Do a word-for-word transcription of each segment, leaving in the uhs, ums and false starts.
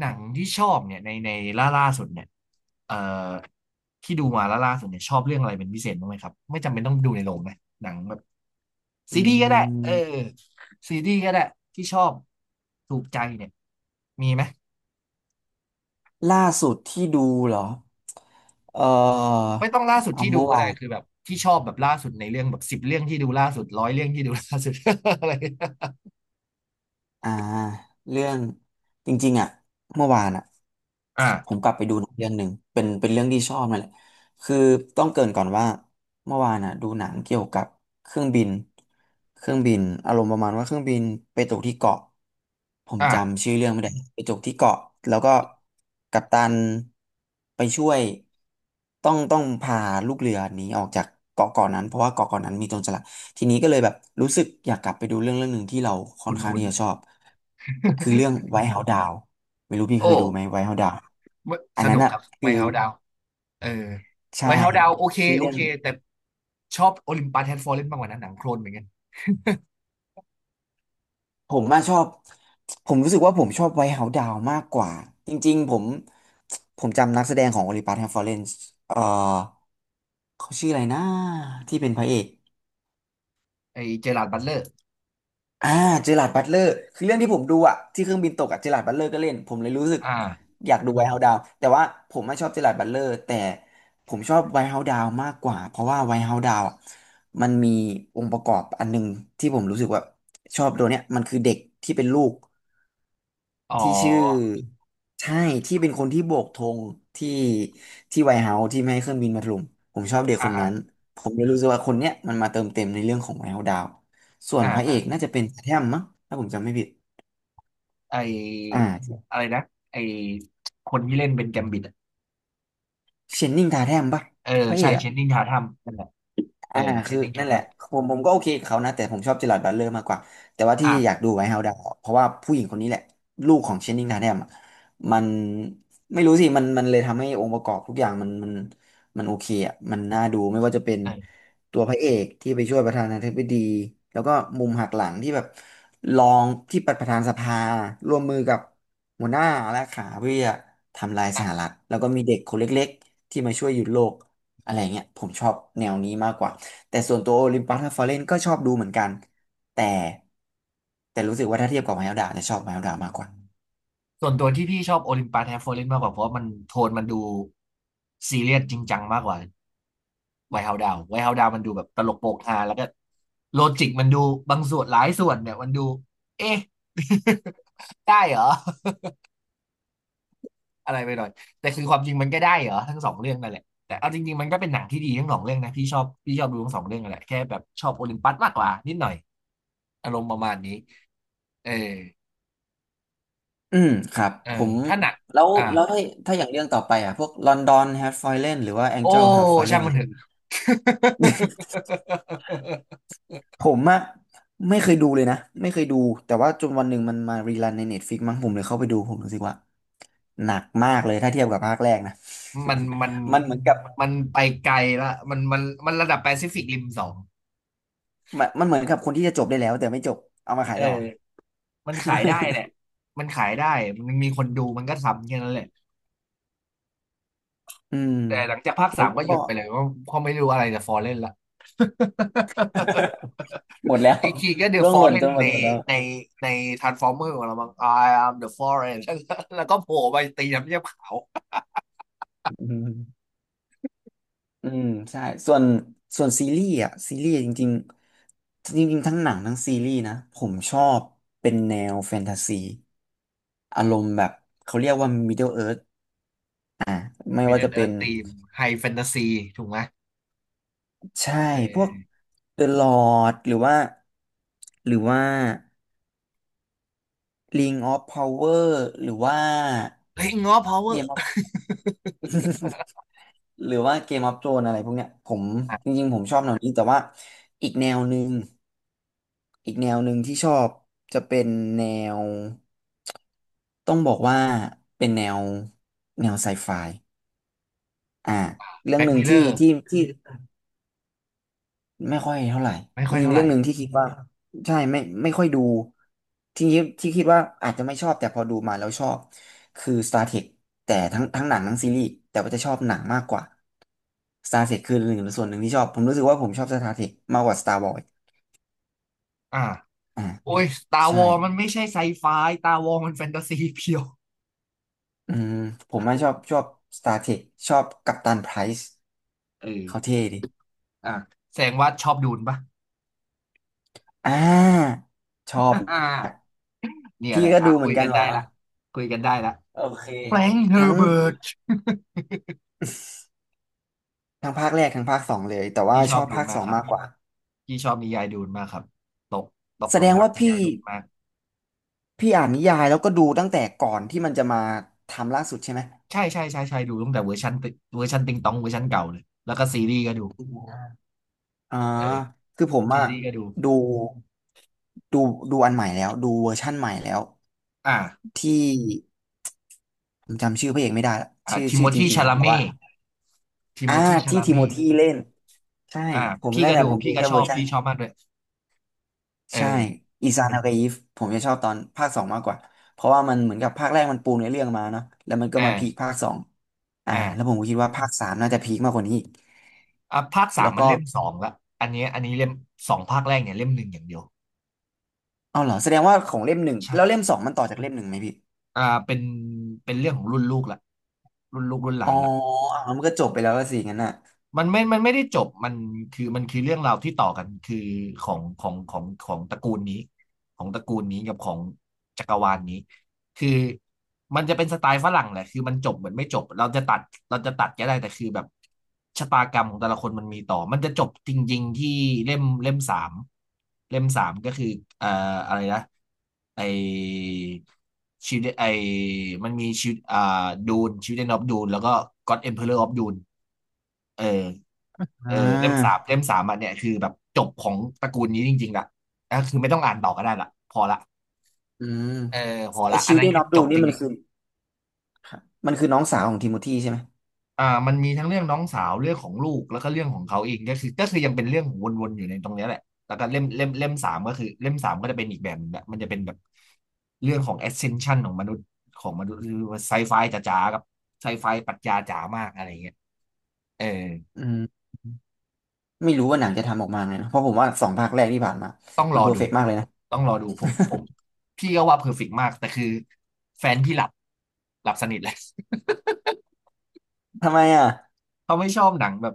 หนังที่ชอบเนี่ยในในล่าล่าสุดเนี่ยเอ่อที่ดูมาล่าล่าสุดเนี่ยชอบเรื่องอะไรเป็นพิเศษบ้างไหมครับไม่จำเป็นต้องดูในโรงนะหนังแบบอืซีรีส์ก็ได้เออมซีรีส์ก็ได้ที่ชอบถูกใจเนี่ยมีไหมล่าสุดที่ดูเหรอ เออไม่ต้องล่าสุดเอาที่ดูเมื่อก็วาได้น คือแบบที่ชอบแบบล่าสุดในเรื่องแบบสิบเรื่องที่ดูล่าสุดร้อยเรื่องที่ดูล่าสุด อะไรอ่าเรื่องจริงๆอ่ะเมื่อวานอ่ะอ่าผมกลับไปดูหนังเรื่องหนึ่งเป็นเป็นเรื่องที่ชอบนั่นแหละคือต้องเกริ่นก่อนว่าเมื่อวานอ่ะดูหนังเกี่ยวกับเครื่องบินเครื่องบินอารมณ์ประมาณว่าเครื่องบินไปตกที่เกาะผมอ่าจำชื่อเรื่องไม่ได้ไปตกที่เกาะแล้วก็กัปตันไปช่วยต้องต้องพาลูกเรือหนีออกจากเกาะเกาะนั้นเพราะว่าเกาะเกาะนั้นมีโจรสลัด ทีนี้ก็เลยแบบรู้สึกอยากกลับไปดูเรื่องเรื่องหนึ่งที่เราค่อคุ้นนข้างคุ้น ที่จะชอบคือเรื่อง w h ไวท์ o เฮา d o ดาวไม่รู้พี่ เคโอ้ยดูไหมไวท์เฮา e d ดาวอัสนนั้นนุกอ่ะครับคืไม่อเฮาดาว เออไวใช่ท์เฮาส์ดาวโอเคคือโอเรื่องเคแต่ชอบโอลิมปัสแฮดฟอร์เรนมากกว่านั้นหนังโคลนเหมือนกันผมมาชอบผมรู้สึกว่าผมชอบไวท์เฮา e d ดาวมากกว่าจริงๆผมผมจำนักแสดงของ o อลิปัสแฮมฟอเรนซ์เอ่อเขาชื่ออะไรนะที่เป็นพระเอก ไอเจอราร์ดบัตเลอร์อ่าเจอราร์ดบัตเลอร์คือเรื่องที่ผมดูอะที่เครื่องบินตกอะเจอราร์ดบัตเลอร์ก็เล่นผมเลยรู้สึกอ่าอยากดูไวท์เฮาส์ดาวแต่ว่าผมไม่ชอบเจอราร์ดบัตเลอร์แต่ผมชอบไวท์เฮาส์ดาวมากกว่าเพราะว่าไวท์เฮาส์ดาวอะมันมีองค์ประกอบอันหนึงที่ผมรู้สึกว่าชอบตัวเนี้ยมันคือเด็กที่เป็นลูก อ๋อที่ชื่อใช่ที่เป็นคนที่โบกธงที่ที่ไวท์เฮาส์ที่ไม่ให้เครื่องบินมาถล่มผมชอบเด็กอ่าคนนั้นอ่ผมเลยรู้สึกว่าคนเนี้ยมันมาเติมเต็มในเรื่องของไวท์เฮาส์ดาวส่วนาพระเออ่ากน่าจะเป็นทาแทมมั้งถ้าผมจำไม่ผิดไออ่าอะไรนะไอคนที่เล่นเป็นแกมบิดอะเชนนิงทาแทมปะเออพระเอใช่กเชอะ นนิงทาทัมนั่นแหละเออ่าอเชคืนอนิงทานั่นแหทัละมผมผมก็โอเคกับเขานะแต่ผมชอบเจอราร์ดบัตเลอร์มากกว่าแต่ว่าที่อ่าอยากดูไวท์เฮาส์ดาวเพราะว่าผู้หญิงคนนี้แหละลูกของเชนนิงทาแนมอะมันไม่รู้สิมันมันเลยทำให้องค์ประกอบทุกอย่างมันมันมันโอเคอ่ะมันน่าดูไม่ว่าจะเป็นเออตัวพระเอกที่ไปช่วยประธานาธิบดีแล้วก็มุมหักหลังที่แบบรองที่ประประธานสภาร่วมมือกับหัวหน้าและขาเพื่อทำลายสหอ่ะรัฐแล้วก็มีเด็กคนเล็กๆที่มาช่วยหยุดโลกอะไรเงี้ยผมชอบแนวนี้มากกว่า แต่ส่วนตัวโอลิมปัสฮาฟาเรนก็ชอบดูเหมือนกันแต่แต่รู้สึกว่าถ้าเทียบกับไมฮ l ลดาจะชอบไมฮ l ลดามากกว่าส่วนตัวที่พี่ชอบโอลิมปัสแฮดฟอร์เรนมากกว่าเพราะว่ามันโทนมันดูซีเรียสจริงจังมากกว่า ไวท์เฮาส์ดาวน์ไวท์เฮาส์ดาวน์มันดูแบบตลกโปกฮาแล้วก็โลจิกมันดูบางส่วนหลายส่วนเนี่ยมันดูเอ๊ะ ได้เหรออะไรไปหน่อยแต่คือความจริงมันก็ได้เหรอทั้งสองเรื่องนั่นแหละแต่เอาจริงๆมันก็เป็นหนังที่ดีทั้งสองเรื่องนะพี่ชอบพี่ชอบดูทั้งสองเรื่องนั่นแหละแค่แบบชอบโอลิมปัสมากกว่านิดหน่อยอารมณ์ประมาณนี้เอออืมครับเออผมถ้าหนักแล้วอ่าแล้วถ้าถ้าอย่างเรื่องต่อไปอ่ะพวกลอนดอนฮา f ฟาเรนหรือว่าแองโอ้เจิลฮา f ฟาเรช่างนมัเลนยเถอะ ผมอะไม่เคยดูเลยนะไม่เคยดูแต่ว่าจนวันหนึ่งมันมารีรันในเน็ตฟ i ิกมั้งผมเลยเข้าไปดูผมรู้สึกว่าหนักมากเลยถ้าเทียบกับภาคแรกนะ มันมัน มันเหมือนกับมันไปไกลละมันมันมันระดับแปซิฟิกริมสองมันมันเหมือนกับคนที่จะจบได้แล้วแต่ไม่จบเอามาขาเอยอ ต่อ มันขายได้แหละ มันขายได้ มันมีคนดูมันก็ทำแค่นั้นแหละ อืมแต่หลังจากภาคแล้สาวมก็หก็ ยุดไปเลยเพราะเพราะไม่รู้อะไรจะฟอลเล่นละ หมดแล้ว อีกทีก็เด อะร่วฟงอหลล่นเล่จนนหมดในหมดแล้วในในทรานส์ฟอร์เมอร์ของเราบ้าง I am the Fallen แล้วก็แล้วก็โผล่ไปตีน้ำเยี่ยมขาว อืมอืมใช่ส่วนส่วนซีรีส์อ่ะซีรีส์จริงๆจริงๆทั้งหนังทั้งซีรีส์นะผมชอบเป็นแนวแฟนตาซีอารมณ์แบบเขาเรียกว่า Middle Earth ไม่ว่าจะ Middle เป็น Earth ทีมไฮแฟนตาซีถูกไหมใช่เพวก ออ The Lord หรือว่าหรือว่า Ring of Power หรือว่า เฮ้ยง้อ power Game of หรือว่า Game of Thrones อะไรพวกเนี้ยผมจอ่ะริงๆผมชอบแนวนี้แต่ว่าอีกแนวหนึ่งอีกแนวหนึ่งที่ชอบจะเป็นแนวต้องบอกว่าเป็นแนวแนวไซไฟอ่าเรื่องแบ็กหนึ่งมิลเลที่อร์ที่ที่ ไม่ค่อยเท่าไหร่ไม่จค่อยริงเท่าๆไหเรื่ร่องหนึ่งที่คิดว่าใช่ไม่ไม่ค่อยดูที่คิดที่คิดว่าอาจจะไม่ชอบแต่พอดูมาแล้วชอบคือ Star Trek แต่ทั้งทั้งหนังทั้งซีรีส์แต่ว่าจะชอบหนังมากกว่า Star Trek คือหนึ่งส่วนหนึ่งที่ชอบผมรู้สึกว่าผมชอบ Star Trek มากกว่า Star Wars อ่าอ่าโอ้มียตาวใช่อมันไม่ใช่ไซไฟตาวอมันแฟนตาซีเพียวอืมผมไม่ชอบชอบ Star Trek ชอบกัปตันไพรซ์เอเขาอเท่ดิอ่ะแสดงว่าชอบดูนปะ อ่าชอบอ่าเนี่ยแหพี่ละก็อ่ะดูเหคุมือยนกักันนเหรได้อละคุยกันได้ละโอเคแฟรงค์เฮอทั้ร์ง เบิร์ต ทั้งภาคแรกทั้งภาคสองเลยแต่ว่าพี่ชชอบอบดูนภาคมาสกองครับมากกว่าพี่ชอบนิยายดูนมากครับตกตกแสหลุดมงรักว่านิยาพี่ยดูนมากพี่อ่านนิยายแล้วก็ดูตั้งแต่ก่อนที่มันจะมาทำล่าสุดใช่ไหมใช่ใช่ใช่ใช่ดูตั้งแต่เวอร์ชันติเวอร์ชันติงตองเวอร์ชันเก่าเลยแล้วก็ซีรีส์ก็ดูอ่าเออคือผมซีอะรีส์ก็ดูดูดูดูอันใหม่แล้วดูเวอร์ชั่นใหม่แล้วอ่าที่ผมจำชื่อพระเอกไม่ได้ละอ่าชื่อทิโมชื่อจธีริงชาๆอะลาแต่เม่ว่าทิโมอ่าธีชาที่ลาทิโมเม่ธีเล่นใช่อ่าผมพี่นั่นก็แหละดูผมดูพี่ก็แค่ชเวออบร์ชัน พี่ชอบมากด้วยเอใช่ออิซานฮากายิฟผมจะชอบตอนภาคสองมากกว่าเพราะว่ามันเหมือนกับภาคแรกมันปูเนื้อเรื่องมาเนาะแล้วมันก็มาพีคอ่าภาคสองอ่าแล้วผอ่ามก็คิดว่าภาคสามน่าจะพีคมากกว่านี้อีกอ่ะภาคสามแล้วมัก็นเล่มสองละอันนี้อันนี้เล่มสองภาคแรกเนี่ยเล่มหนึ่งอย่างเดียวเอาเหรอแสดงว่าของเล่มหนึ่งแล้วเล่มใช่ สองมันต่อจากเล่มหนึ่งไหมพี่อ่าเป็นเป็นเรื่องของรุ่นลูกละรุ่นลูกรุ่นหอ๋ลาอนละ อ่ะมันก็จบไปแล้วก็สิงั้นน่ะมันไม่มันไม่ได้จบ มันคือมันคือเรื่องราวที่ต่อกันคือของของของของตระกูลนี้ ของตระกูลนี้กับของจักรวาลนี้ คือมันจะเป็นสไตล์ฝรั่งแหละคือมันจบเหมือนไม่จบ เราจะตัดเราจะตัดก็ได้แต่คือแบบชะตากรรมของแต่ละคนมันมีต่อ มันจะจบจริงๆที่เล่มเล่มสามเล่มสามก็คือเอ่ออะไรนะไอชิวิตไอมันมีชีวอ่าดูนชีวิตเดนออฟดูนแล้วก็ก็อดเอ็มเพอเรอร์ออฟดูน เอออ่เออเล่มสามาเล่มสามอันเนี่ยคือแบบจบของตระกูลนี้จริงๆละก็คือไม่ต้องอ่านต่อก็ได้ละพอละอืมเออพอไอละอัชินลนั้เดนนคือออฟจดูบนี่จมันริงคือมันคือน้องสาวของทิโมธีใช่ไหมๆอ่ามันมีทั้งเรื่องน้องสาวเรื่องของลูกแล้วก็เรื่องของเขาเองก็คือก็คือยังเป็นเรื่องวนๆอยู่ในตรงเนี้ยแหละแล้วก็เล่มเล่มเล่มสามก็คือเล่มสามก็จะเป็นอีกแบบหนึงละมันจะเป็นแบบเรื่องของ ascension ของมนุษย์ของมนุษย์หรือไซไฟจ๋าๆกับไซไฟปรัชญาจ๋ามากอะไรเงี้ยเออ อืมไม่รู้ว่าหนังจะทำออกมาไงนะเพราะผมว่าสองภาคแรกที่ผ่านมาต้องรมันอเพอร์ดู เฟกต์มากเลยนะต้องรอดูผมผมพี่ก็ว่าเพอร์เฟกต์มาก แต่คือแฟนพี่หลับ หลับสนิทเลย ทำไมอ่ะ เขาไม่ชอบหนังแบบ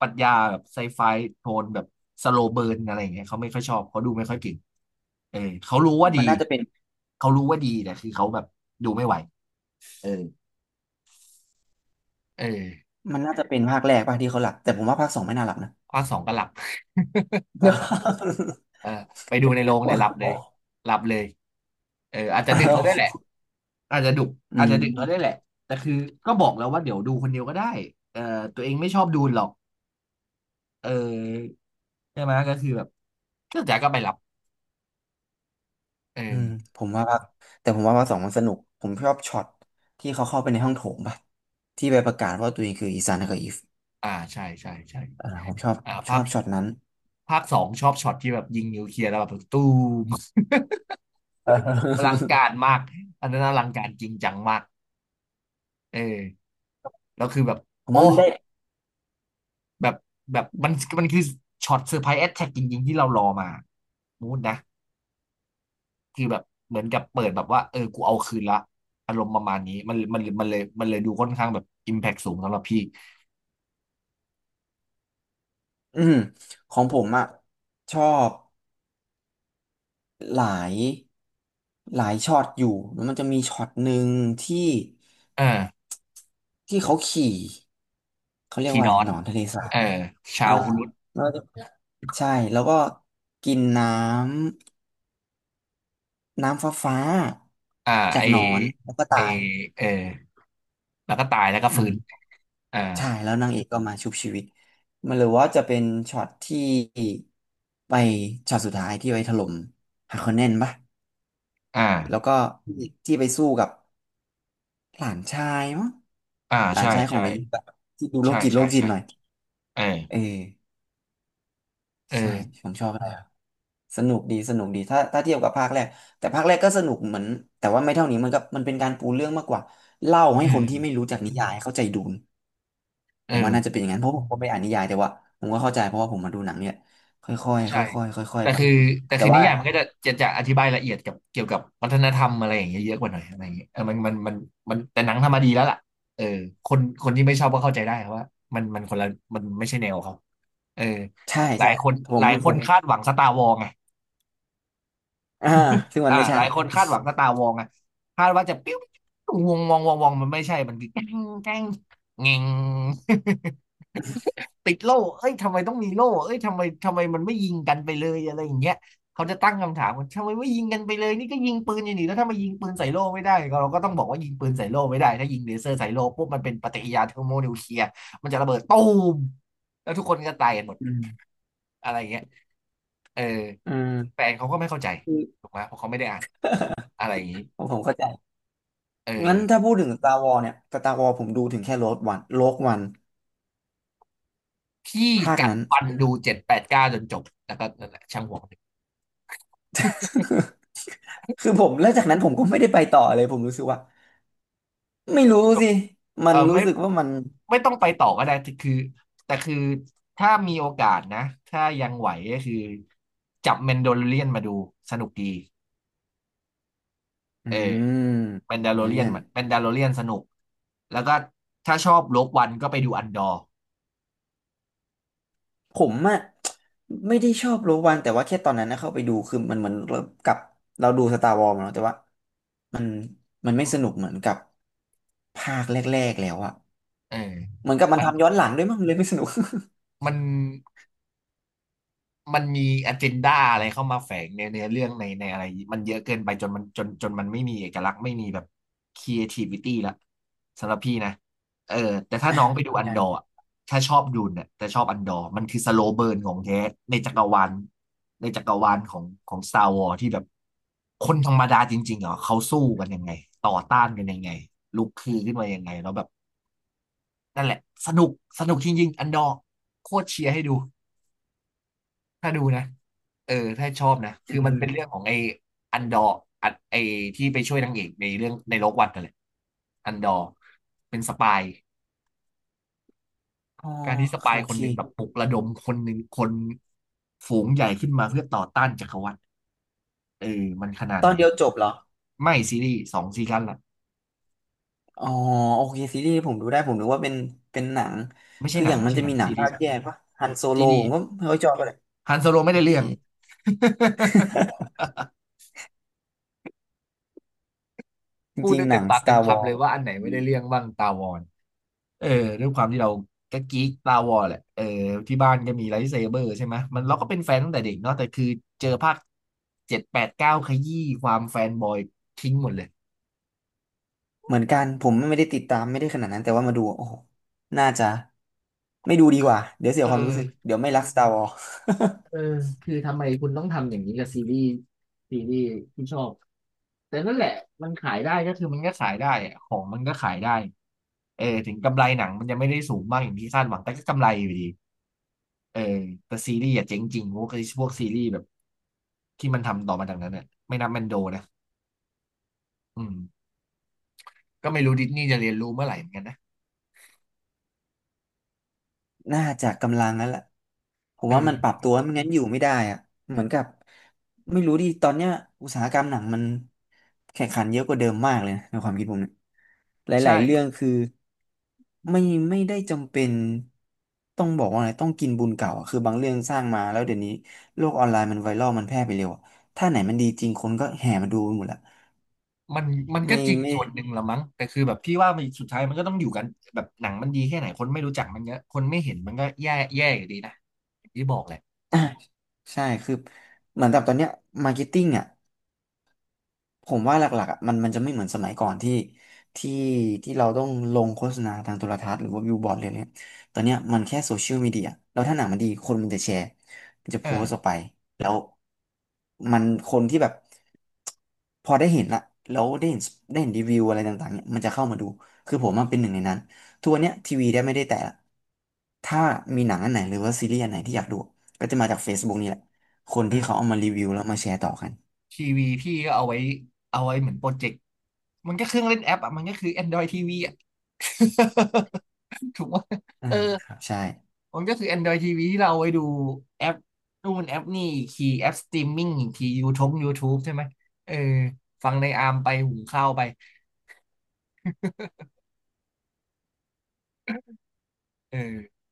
ปรัชญาแบบไซไฟ โทนแบบสโลเบิร์นอะไรอย่างเงี้ยเขาไม่ค่อยชอบ เขาดูไม่ค่อยเก่งเออเขารู้ว่าดี มันน่าจะเป็น เขารู้ว่าดีแต่คือเขาแบบดูไม่ไหวเออเออมันน่าจะเป็นภาคแรกป่ะที่เขาหลับแต่ผมว่าภาคสองไม่น่าหลับนะ ภาคสองก็หลับ ภาคสองก็หลับ เออไปดูในโรงเนี่ว่ายหลับเลย หลับเลยเอออาจจะอาดึกแล้วได้วยแหละ วอาจจะดุอือาจจะดึกก็ได้มแหละแต่คือก็บอกแล้วว่าเดี๋ยวดูคนเดียวก็ได้เออตัวเองไม่ชอบดูหรอกเออใช่ไหมก็คือแบบก็จ๋าก็ไปรับเอออืมผมว่าภาคแต่ผมว่าภาคสองมันสนุกผมชอบช็อตที่เขาเข้าไปในห้องโถงป่ะที่ไปประกาศว่าตัวเองคืออีซานกับอีฟอ่าใช่ใช่ใช่อ่าผมชอบอ่าชภาอคบช็อตนั้น ภาคสองชอบช็อตที่แบบยิงนิวเคลียร์แล้วแบบตู้ม เ อลังออการมากอันนั้นอลังการจริงจังมากเออแล้วคือแบบผมโอ้ว่ามันได้แบบแบบมันมันคือช็อตเซอร์ไพรส์แอ t แทกจริงๆที่เรารอมามูดนะ คือแบบเหมือนกับเปิดแบบว่าเออกูเอาคืนละอารมณ์ประมาณนี้มันมันมันเลยมันเลยดูค่อนข้างแบบอิมแพ t สูงสำหรับพี่อืมของผมอะชอบหลายหลายช็อตอยู่แล้วมันจะมีช็อตหนึ่งที่ เออที่เขาขี่เขาเรียกคีว่าดอะไรอนหนอนทะเลสาเอบอชาอ่าวฮุรุตแล้วก็ใช่แล้วก็กินน้ำน้ำฟ้าฟ้าอ่าจาไอกหนอนแล้วก็ไอตายเออแล้วก็ตายแล้วก็อืฟื้นมอ่าใช่แล้วนางเอกก็มาชุบชีวิตมันหรือว่าจะเป็นช็อตที่ไปช็อตสุดท้ายที่ไปถล่มฮาคอนเนนปะแล้วอ่าก็ที่ที่ไปสู้กับหลานชายมั้งอ่าหลานใช่ชายของใช่นายยิงแบบที่ดูโรใช่คจิตโรใช่คจิตใช่หน่อยเออเออ เอใช่อผมชอบอะไสนุกดีสนุกดีถ้าถ้าเทียบกับภาคแรกแต่ภาคแรกก็สนุกเหมือนแต่ว่าไม่เท่านี้มันก็มันเป็นการปูเรื่องมากกว่าเล่าให้อืคนที่มไม่รู้จักนิยายเข้าใจดูนเอผมว่าน่าจะอ เป็นอย่างนั้นเพราะผมก็ไม่อ่านนิยายแต่ว่าผมก็เข้าใจเพราะว่าผมมาดูหนังเนี่ยค่อยๆคใช่่อยๆค่อยแต่ๆไปคือแต่แต่คือนิว่ายายมันก็จะจะจะอธิบายละเอียดกับเกี่ยวกับวัฒนธรรมอะไรอย่างเงี้ยเยอะกว่าหน่อยอะไรอย่างเงี้ยเออมันมันมันมันแต่หนังทำมาดีแล้วล่ะเออคนคนที่ไม่ชอบก็เข้าใจได้ครับว่ามันมันคนละมันไม่ใช่แนวเขาเออใช่หลาใช่ยคนผหมลายคผนมคาดหวังสตาร์วอลไงอ่าซึ่งมันอ่าไม่หใช่ลายคนคาดหวังสตาร์วอลไงคาดว่าจะปิ้ววงวงวงวงมันไม่ใช่มันคือแกล้งแกล้งเงง ติดโล่เอ้ยทำไมต้องมีโล่เอ้ยทำไมทำไมมันไม่ยิงกันไปเลยอะไรอย่างเงี้ยเขาจะตั้งคำถามว่าทำไมไม่ยิงกันไปเลยนี่ก็ยิงปืนอย่างนี้แล้วถ้ามายิงปืนใส่โล่ไม่ได้ก็เราก็ต้องบอกว่ายิงปืนใส่โล่ไม่ได้ถ้ายิงเลเซอร์ใส่โล่ปุ๊บมันเป็นปฏิกิริยาเทอร์โมนิวเคลียร์มันจะระเบิดตูมแล้วทุกคนก็ตายกันหมดอืมอะไรอย่างเงี้ยเอออืมแฟนเขาก็ไม่เข้าใจคือถูกไหมเพราะเขาไม่ได้อ่านอะไรอย่างนี้ผมเข้าใจเอองั้นถ้าพูดถึง Star Wars เนี่ย สตาร์ วอร์ส ผมดูถึงแค่ โร้ก วัน โร้ก วัน พี่ภาคกัดนั้น ฟันดูเจ็ดแปดเก้าจนจบแล้วก็นั่นแหละช่างหัวมัน คือผมแล้วจากนั้นผมก็ไม่ได้ไปต่อเลยผมรู้สึกว่าไม่รู้สิมัเอนอรู้ไม่สึกว่ามันไม่ต้องไปต่อก็ได้แต่คือแต่คือถ้ามีโอกาสนะถ้ายังไหวก็คือจับแมนโดลเรียนมาดูสนุกดีอืเออมแมนดาอัโลนเรีเลียนยนแมนดาโลเรียนสนุกแล้วก็ถ้าชอบโลกวันก็ไปดูอันดอร์ผมอะไม่ได้ชอบโรวันแต่ว่าแค่ตอนนั้นนะเข้าไปดูคือมันเหมือนเรากับเราดูสตาร์วอร์มาเนาะแต่ว่ามันมันไม่อืสนุมกเหมือนกับภาคแรกๆแล้วอะเออเหมือนกับมันมันทำย้อนหลังด้วยมั้งเลยไม่สนุก มัน มันมี agenda อะไรเข้ามาแฝงในเนื้อเรื่องในในอะไรมันเยอะเกินไปจนมันจนจนมันไม่มีเอกลักษณ์ไม่มีแบบ creativity ละสำหรับพี่นะเออแต่ถ้าน้องไปดูอั นกัดอร์นอะถ้าชอบดูเนี่ยแต่ชอบอันดอร์มันคือสโลว์เบิร์นของแท้ในจักรวาลในจักรวาลของของ Star Wars ที่แบบคนธรรมดาจริงๆเหรอเขาสู้กันยังไงต่อต้านกันยังไงลุกคือขึ้นมายังไงแล้วแบบนั่นแหละสนุกสนุกจริงๆอันดอร์โคตรเชียร์ให้ดู ถ้าดูนะเออถ้าชอบนะ อืคือมันมเป็นเรื่องของไอ้อันดอร์อันไอ้ที่ไปช่วยนางเอกในเรื่องในโลกวัดนั่นแหละอันดอร์เป็นสปายอ๋อการที่สปาโอยคเคนหนึ่งแบบปลุกระดมคนหนึ่งคนฝูงใหญ่ขึ้นมาเพื่อต่อต้านจักรวรรดิเออมันขนาดตอไหนนเดียวจบเหรอ ไม่ซีรีส์สองซีซั่นละอ๋อโอเคซีรีส์ผมดูได้ผมนึกว่าเป็นเป็นหนังไม่ใช่คือหอนังย่างไม่มันใช่จะหนัมีงหนัซีงรีภาคส์แยกปะฮันโซโลซีรีผมส์ก็ไม่ค่อยชอบเลยฮันโซโลไม่โอได้เค เรื่อง จพูดริงได้ๆหเต็นัมง ปากเต็ม Star คำเล Wars ยว่าอันไหนไม่ได้เรื่องบ้างตาวอน เออด้วยความที่เราก็กิ๊กตาวอร์แหละเออที่บ้านก็มีไลท์เซเบอร์ใช่ไหมมันเราก็เป็นแฟนตั้งแต่เด็กเนาะแต่คือเจอภาคเจ็ดแปดเก้าขยี้ความแฟนบอยทิ้งหมดเลยเหมือนกันผมไม่ได้ติดตามไม่ได้ขนาดนั้นแต่ว่ามาดูโอ้โหน่าจะไม่ดูดีกว่าเดี๋ยวเสีเยความรู้สึกออเดี๋ยวไม่รัก Star Wars เออคือทำไมคุณต้องทำอย่างนี้กับซีรีส์ซีรีส์ที่ชอบแต่นั่นแหละมันขายได้ก็คือมันก็ขายได้อะของมันก็ขายได้เออถึงกำไรหนังมันยังไม่ได้สูงมากอย่างที่คาดหวังแต่ก็กำไรอยู่ดีเออแต่ซีรีส์อะเจ๊งจริงพวกพวกซีรีส์แบบที่มันทำต่อมาจากนั้นเนี่ยไม่นับแมนโดนะ อืมก็ไม่รู้ดิสนีย์จะเรียนรู้เมื่อไหร่เหมือนกันนะน่าจะกำลังแล้วล่ละผมเอว่ามันปรัอบตัวไม่งั้นอยู่ไม่ได้อะเหมือนกับไม่รู้ดิตอนเนี้ยอุตสาหกรรมหนังมันแข่งขันเยอะกว่าเดิมมากเลยนะในความคิดผมเนี่ยหใช่ลายๆเรื่องคือไม่ไม่ได้จำเป็นต้องบอกว่าอะไรต้องกินบุญเก่าอะคือบางเรื่องสร้างมาแล้วเดี๋ยวนี้โลกออนไลน์มันไวรัลมันแพร่ไปเร็วอะถ้าไหนมันดีจริงคนก็แห่มาดูหมดละมันมันก็ไม่จริงไม่ส่วนหนึ่งละมั้งแต่คือแบบพี่ว่ามันสุดท้ายมันก็ต้องอยู่กันแบบหนังมันดีแค่ไหนคนไม่รู้จักมันก็คนไม่เห็นมันก็แย่แย่อยู่ดีนะอย่างที่บอกแหละอ่ะใช่คือเหมือนกับตอนเนี้ยมาร์เก็ตติ้งอ่ะ ผมว่าหลักๆอะมันมันจะไม่เหมือนสมัยก่อนที่ที่ที่เราต้องลงโฆษณาทางโทรทัศน์หรือว่าบิลบอร์ดเลยเนี่ยตอนเนี้ยมันแค่โซเชียลมีเดียแล้วถ้าหนังมันดีคนมันจะแชร์มันจะเอโพอสต์ออกไปแล้วมันคนที่แบบพอได้เห็นละแล้วได้เห็นได้เห็นรีวิวอะไรต่างๆเนี่ยมันจะเข้ามาดูคือผมมันเป็นหนึ่งในนั้นทุกวันเนี้ยทีวีได้ไม่ได้แต่ละถ้ามีหนังอันไหนหรือว่าซีรีส์อันไหนที่อยากดูก็จะมาจาก เฟซบุ๊ก นี่แหละคนเอที่อเขาเอามารีวิวแล้วมาแชร์ต่อกันทีวีพี่ก็เอาไว้เอาไว้เหมือนโปรเจกต์มันก็เครื่องเล่นแอปอ่ะมันก็คือ Android ที วี อ่ะ ถูกไหมอืเออ มครับใช่มันก็คือ Android ที วี ที่เราเอาไว้ดูแอปนู่นแอปนี่อีกทีแอปสตรีมมิ่งอีกที YouTube YouTube ใช่ไหมเออฟังในอาร์มไปหุงข้าวไปเออ